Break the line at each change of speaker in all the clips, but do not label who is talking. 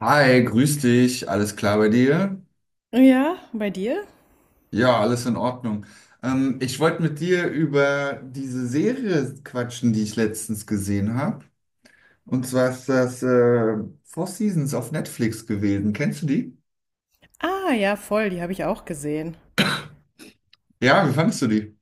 Hi, grüß dich. Alles klar bei dir?
Ja, bei dir?
Ja, alles in Ordnung. Ich wollte mit dir über diese Serie quatschen, die ich letztens gesehen habe. Und zwar ist das Four Seasons auf Netflix gewesen. Kennst du die?
Ah, ja, voll, die habe ich auch gesehen.
Ja, wie fandest du die?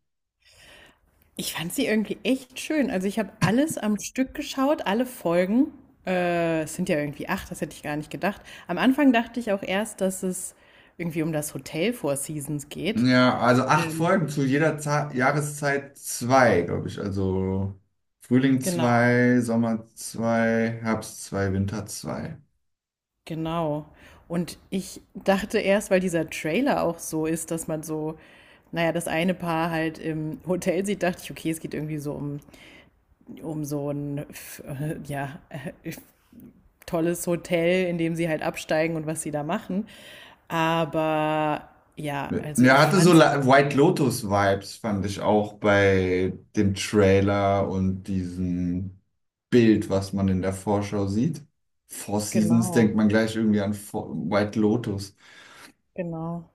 Ich fand sie irgendwie echt schön. Also ich habe alles am Stück geschaut, alle Folgen. Es sind ja irgendwie acht, das hätte ich gar nicht gedacht. Am Anfang dachte ich auch erst, dass es irgendwie um das Hotel Four Seasons geht.
Ja, also acht
Ähm,
Folgen zu jeder Za Jahreszeit zwei, glaube ich. Also Frühling
genau,
zwei, Sommer zwei, Herbst zwei, Winter zwei.
genau. Und ich dachte erst, weil dieser Trailer auch so ist, dass man so, naja, das eine Paar halt im Hotel sieht, dachte ich, okay, es geht irgendwie so um, ja, äh, tolles Hotel, in dem sie halt absteigen und was sie da machen. Aber ja, also
Ja,
ich
hatte so
fand's
White Lotus-Vibes, fand ich auch bei dem Trailer und diesem Bild, was man in der Vorschau sieht. Four Seasons
genau,
denkt man gleich irgendwie an White Lotus.
genau,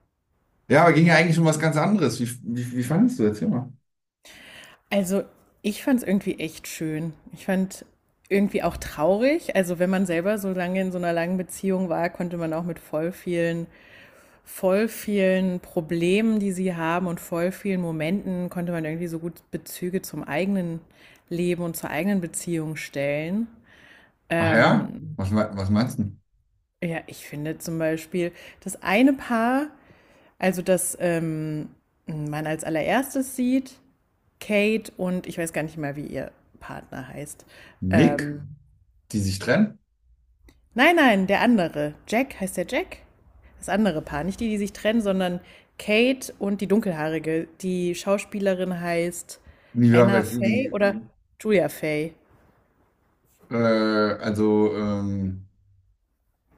Ja, aber ging ja
ja.
eigentlich um was ganz anderes. Wie fandest du? Erzähl mal.
Also ich fand's irgendwie echt schön. Ich fand irgendwie auch traurig. Also wenn man selber so lange in so einer langen Beziehung war, konnte man auch mit voll vielen Problemen, die sie haben und voll vielen Momenten, konnte man irgendwie so gut Bezüge zum eigenen Leben und zur eigenen Beziehung stellen.
Ach ja?
Ähm,
Was, was meinst du?
Ja, ich finde zum Beispiel das eine Paar, also das man als allererstes sieht, Kate, und ich weiß gar nicht mal, wie ihr Partner heißt.
Nick,
Ähm,
die sich trennen?
nein, nein, der andere. Jack, heißt der Jack? Das andere Paar, nicht die, die sich trennen, sondern Kate und die Dunkelhaarige. Die Schauspielerin heißt
Wie, war-
Anna Faye
wie,
oder Julia Faye.
äh, also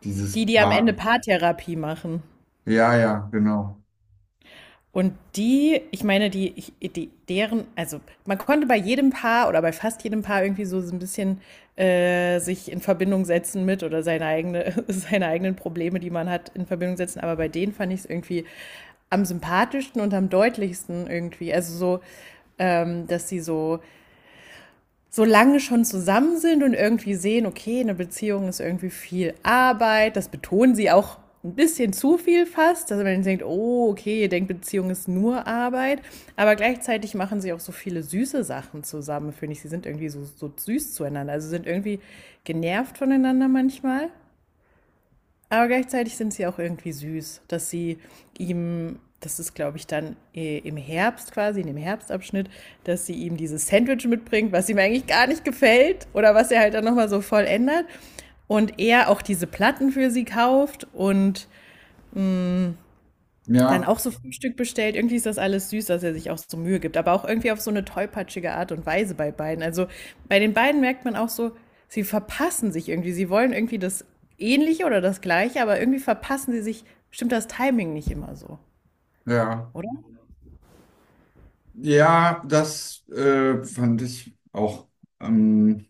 dieses
Die, die am Ende
Paar.
Paartherapie machen.
Ja, ja, genau.
Und die, ich meine, deren, also man konnte bei jedem Paar oder bei fast jedem Paar irgendwie so ein bisschen sich in Verbindung setzen mit oder seine eigene, seine eigenen Probleme, die man hat, in Verbindung setzen. Aber bei denen fand ich es irgendwie am sympathischsten und am deutlichsten irgendwie. Also so, dass sie so solange schon zusammen sind und irgendwie sehen, okay, eine Beziehung ist irgendwie viel Arbeit, das betonen sie auch ein bisschen zu viel fast, dass man denkt, oh, okay, ihr denkt, Beziehung ist nur Arbeit, aber gleichzeitig machen sie auch so viele süße Sachen zusammen, finde ich. Sie sind irgendwie so süß zueinander, also sind irgendwie genervt voneinander manchmal. Aber gleichzeitig sind sie auch irgendwie süß, dass sie ihm, das ist glaube ich dann im Herbst quasi, in dem Herbstabschnitt, dass sie ihm dieses Sandwich mitbringt, was ihm eigentlich gar nicht gefällt oder was er halt dann nochmal so voll ändert. Und er auch diese Platten für sie kauft und dann
Ja,
auch so Frühstück bestellt. Irgendwie ist das alles süß, dass er sich auch so Mühe gibt. Aber auch irgendwie auf so eine tollpatschige Art und Weise bei beiden. Also bei den beiden merkt man auch so, sie verpassen sich irgendwie. Sie wollen irgendwie das Ähnliche oder das Gleiche, aber irgendwie verpassen sie sich. Stimmt das Timing nicht immer so,
ja.
oder?
Ja, das fand ich auch. Ähm,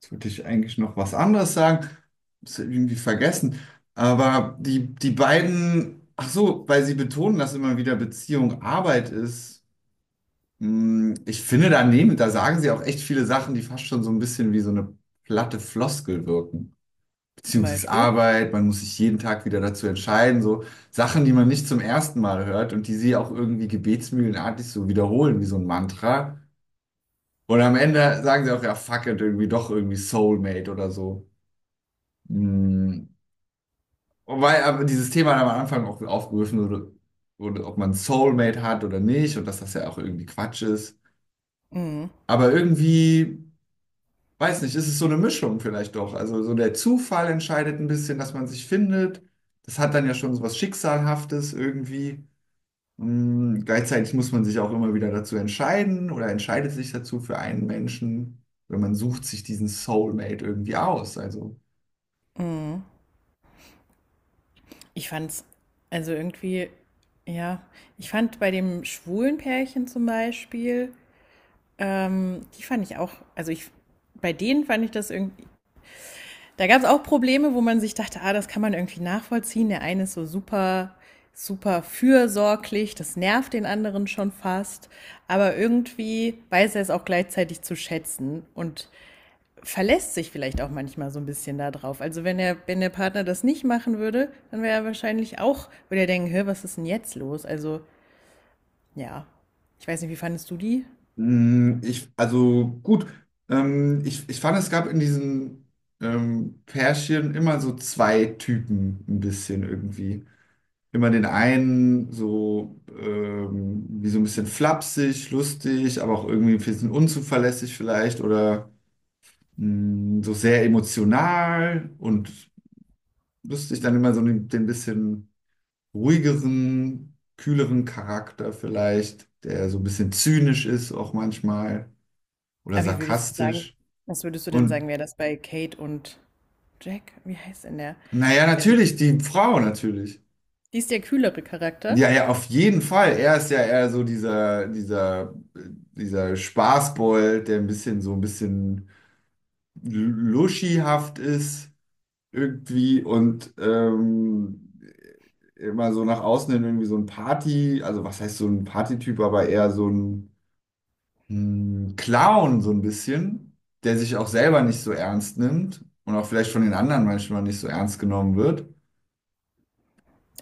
Jetzt wollte ich eigentlich noch was anderes sagen. Ist irgendwie vergessen. Aber die beiden, ach so, weil sie betonen, dass immer wieder Beziehung Arbeit ist. Ich finde daneben, da sagen sie auch echt viele Sachen, die fast schon so ein bisschen wie so eine platte Floskel wirken.
Zum
Beziehung ist
Beispiel.
Arbeit, man muss sich jeden Tag wieder dazu entscheiden. So Sachen, die man nicht zum ersten Mal hört und die sie auch irgendwie gebetsmühlenartig so wiederholen, wie so ein Mantra. Und am Ende sagen sie auch, ja, fuck it, irgendwie doch irgendwie Soulmate oder so. Hm. Und weil aber dieses Thema dann am Anfang auch aufgerufen wurde, ob man Soulmate hat oder nicht und dass das ja auch irgendwie Quatsch ist.
Mhm.
Aber irgendwie, weiß nicht, ist es so eine Mischung vielleicht doch. Also so der Zufall entscheidet ein bisschen, dass man sich findet. Das hat dann ja schon so was Schicksalhaftes irgendwie. Gleichzeitig muss man sich auch immer wieder dazu entscheiden oder entscheidet sich dazu für einen Menschen, wenn man sucht sich diesen Soulmate irgendwie aus. Also,
Ich fand's, also irgendwie, ja, ich fand bei dem schwulen Pärchen zum Beispiel, die fand ich auch, also ich, bei denen fand ich das irgendwie, da gab es auch Probleme, wo man sich dachte, ah, das kann man irgendwie nachvollziehen. Der eine ist so super fürsorglich, das nervt den anderen schon fast. Aber irgendwie weiß er es auch gleichzeitig zu schätzen und verlässt sich vielleicht auch manchmal so ein bisschen da drauf. Also wenn er, wenn der Partner das nicht machen würde, dann wäre er wahrscheinlich auch, würde er denken, hör, was ist denn jetzt los? Also, ja, ich weiß nicht, wie fandest du die?
also gut, ich fand, es gab in diesen Pärchen immer so zwei Typen ein bisschen irgendwie. Immer den einen so wie so ein bisschen flapsig, lustig, aber auch irgendwie ein bisschen unzuverlässig vielleicht oder so sehr emotional und wüsste ich dann immer so den bisschen ruhigeren, kühleren Charakter vielleicht, der so ein bisschen zynisch ist auch manchmal oder
Aber wie würdest du sagen,
sarkastisch.
was würdest du denn sagen,
Und
wäre das bei Kate und Jack? Wie heißt denn der?
naja,
Also
natürlich, die Frau natürlich.
die ist der kühlere Charakter,
Ja, ja, auf jeden Fall. Er ist ja eher so dieser Spaßbold, der ein bisschen so ein bisschen luschihaft ist irgendwie und immer so nach außen hin irgendwie so ein Party, also was heißt so ein Partytyp, aber eher so ein Clown so ein bisschen, der sich auch selber nicht so ernst nimmt und auch vielleicht von den anderen manchmal nicht so ernst genommen wird.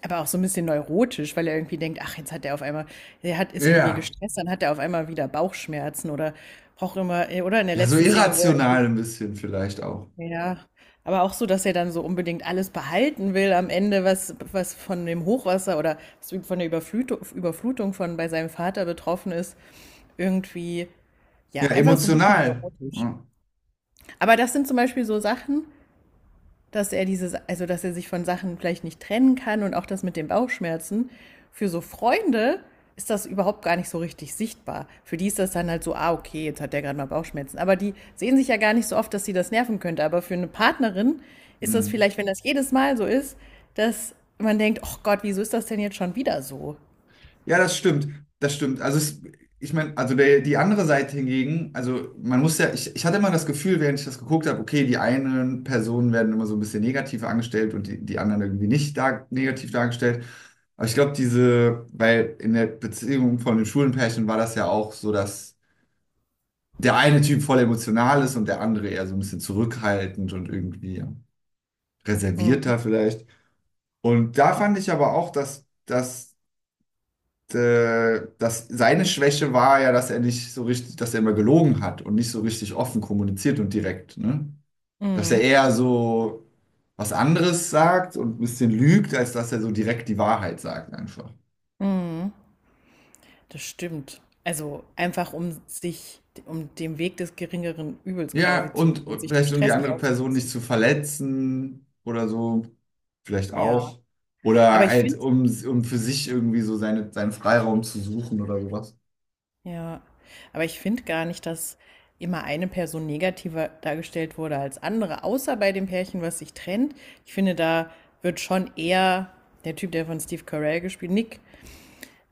aber auch so ein bisschen neurotisch, weil er irgendwie denkt, ach, jetzt hat er auf einmal, er hat, ist irgendwie
Ja,
gestresst, dann hat er auf einmal wieder Bauchschmerzen oder braucht immer, oder in der
ja, so
letzten Szene, wo er irgendwie,
irrational ein bisschen vielleicht auch.
ja, aber auch so, dass er dann so unbedingt alles behalten will am Ende, was, was von dem Hochwasser oder was von der Überflutung von bei seinem Vater betroffen ist, irgendwie, ja,
Ja,
einfach so ein bisschen
emotional.
neurotisch.
Ja.
Aber das sind zum Beispiel so Sachen, dass er dieses, also dass er sich von Sachen vielleicht nicht trennen kann und auch das mit den Bauchschmerzen. Für so Freunde ist das überhaupt gar nicht so richtig sichtbar. Für die ist das dann halt so, ah, okay, jetzt hat der gerade mal Bauchschmerzen. Aber die sehen sich ja gar nicht so oft, dass sie das nerven könnte. Aber für eine Partnerin ist das
Hm.
vielleicht, wenn das jedes Mal so ist, dass man denkt, oh Gott, wieso ist das denn jetzt schon wieder so?
Ja, das stimmt. Das stimmt. Also es, ich meine, also der, die andere Seite hingegen, also man muss ja, ich hatte immer das Gefühl, während ich das geguckt habe, okay, die einen Personen werden immer so ein bisschen negativ angestellt und die, anderen irgendwie nicht dar negativ dargestellt. Aber ich glaube, diese, weil in der Beziehung von den Schulenpärchen war das ja auch so, dass der eine Typ voll emotional ist und der andere eher so ein bisschen zurückhaltend und irgendwie
Mhm.
reservierter vielleicht. Und da fand ich aber auch, dass seine Schwäche war ja, dass er nicht so richtig, dass er immer gelogen hat und nicht so richtig offen kommuniziert und direkt, ne? Dass er
Mhm.
eher so was anderes sagt und ein bisschen lügt, als dass er so direkt die Wahrheit sagt einfach.
Das stimmt. Also einfach um sich, um dem Weg des geringeren Übels
Ja,
quasi zu
und,
gehen,
und
sich dem
vielleicht um die
Stress nicht
andere Person nicht
auszusetzen.
zu verletzen oder so, vielleicht
Ja.
auch. Oder
Aber ich
halt,
finde,
um für sich irgendwie so seinen Freiraum zu suchen oder sowas.
ja, aber ich finde gar nicht, dass immer eine Person negativer dargestellt wurde als andere, außer bei dem Pärchen, was sich trennt. Ich finde, da wird schon eher der Typ, der von Steve Carell gespielt, Nick,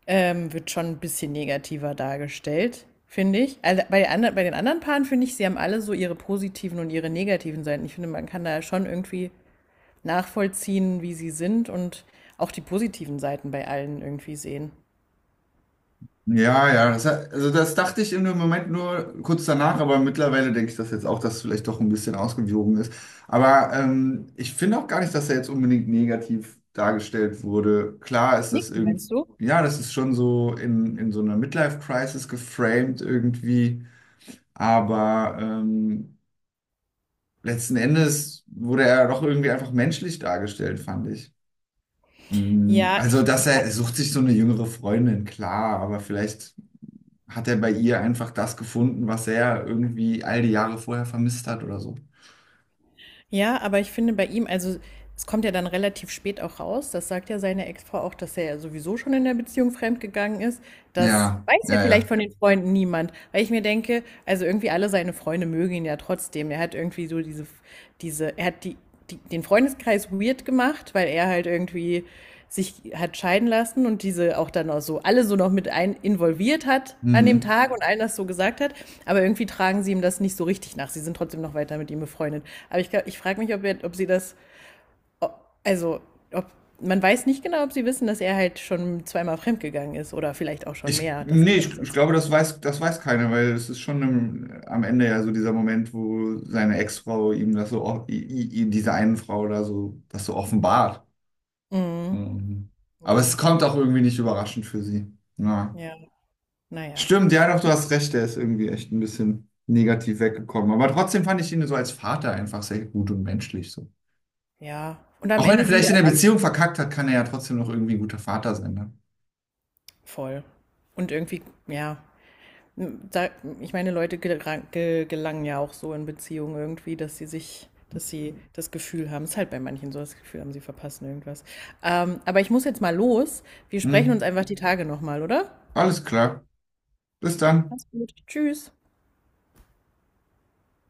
wird schon ein bisschen negativer dargestellt, finde ich. Also bei den anderen Paaren finde ich, sie haben alle so ihre positiven und ihre negativen Seiten. Ich finde, man kann da schon irgendwie nachvollziehen, wie sie sind und auch die positiven Seiten bei allen irgendwie sehen.
Ja, ja, also das dachte ich im Moment nur kurz danach, aber mittlerweile denke ich das jetzt auch, dass es vielleicht doch ein bisschen ausgewogen ist. Aber ich finde auch gar nicht, dass er jetzt unbedingt negativ dargestellt wurde. Klar ist
Nick,
das
meinst
irgendwie,
du?
ja, das ist schon so in so einer Midlife-Crisis geframed irgendwie, aber letzten Endes wurde er doch irgendwie einfach menschlich dargestellt, fand ich.
Ja, ich,
Also, dass
ich
er sucht sich so eine jüngere Freundin, klar, aber vielleicht hat er bei ihr einfach das gefunden, was er irgendwie all die Jahre vorher vermisst hat oder so.
Ja, aber ich finde bei ihm, also es kommt ja dann relativ spät auch raus, das sagt ja seine Ex-Frau auch, dass er ja sowieso schon in der Beziehung fremdgegangen ist. Das
Ja,
weiß ja
ja,
vielleicht
ja.
von den Freunden niemand, weil ich mir denke, also irgendwie alle seine Freunde mögen ihn ja trotzdem. Er hat irgendwie so er hat den Freundeskreis weird gemacht, weil er halt irgendwie sich hat scheiden lassen und diese auch dann auch so alle so noch mit ein involviert hat an dem
Hm.
Tag und allen das so gesagt hat. Aber irgendwie tragen sie ihm das nicht so richtig nach. Sie sind trotzdem noch weiter mit ihm befreundet. Aber ich frage mich, ob, er, ob sie das, ob- also ob man weiß nicht genau, ob sie wissen, dass er halt schon zweimal fremdgegangen ist oder vielleicht auch schon mehr. Das ist
Nee,
ja das.
ich
Was,
glaube, das weiß keiner, weil es ist schon am Ende ja so dieser Moment, wo seine Ex-Frau ihm das so, diese einen Frau da so, das so offenbart.
mhm.
Mhm. Aber es
Ja,
kommt auch irgendwie nicht überraschend für sie. Ja.
ja, naja,
Stimmt, ja, doch, du hast recht, der ist irgendwie echt ein bisschen negativ weggekommen. Aber trotzdem fand ich ihn so als Vater einfach sehr gut und menschlich. So.
ja. Und am
Auch wenn er
Ende sind
vielleicht
ja
in der
auch alle
Beziehung verkackt hat, kann er ja trotzdem noch irgendwie ein guter Vater sein. Ne?
voll. Und irgendwie, ja, da, ich meine, gelangen ja auch so in Beziehungen irgendwie, dass sie sich, dass sie das Gefühl haben, es ist halt bei manchen so, das Gefühl haben, sie verpassen irgendwas. Aber ich muss jetzt mal los. Wir sprechen
Hm.
uns einfach die Tage nochmal, oder?
Alles klar. Bis dann.
Mach's gut. Tschüss.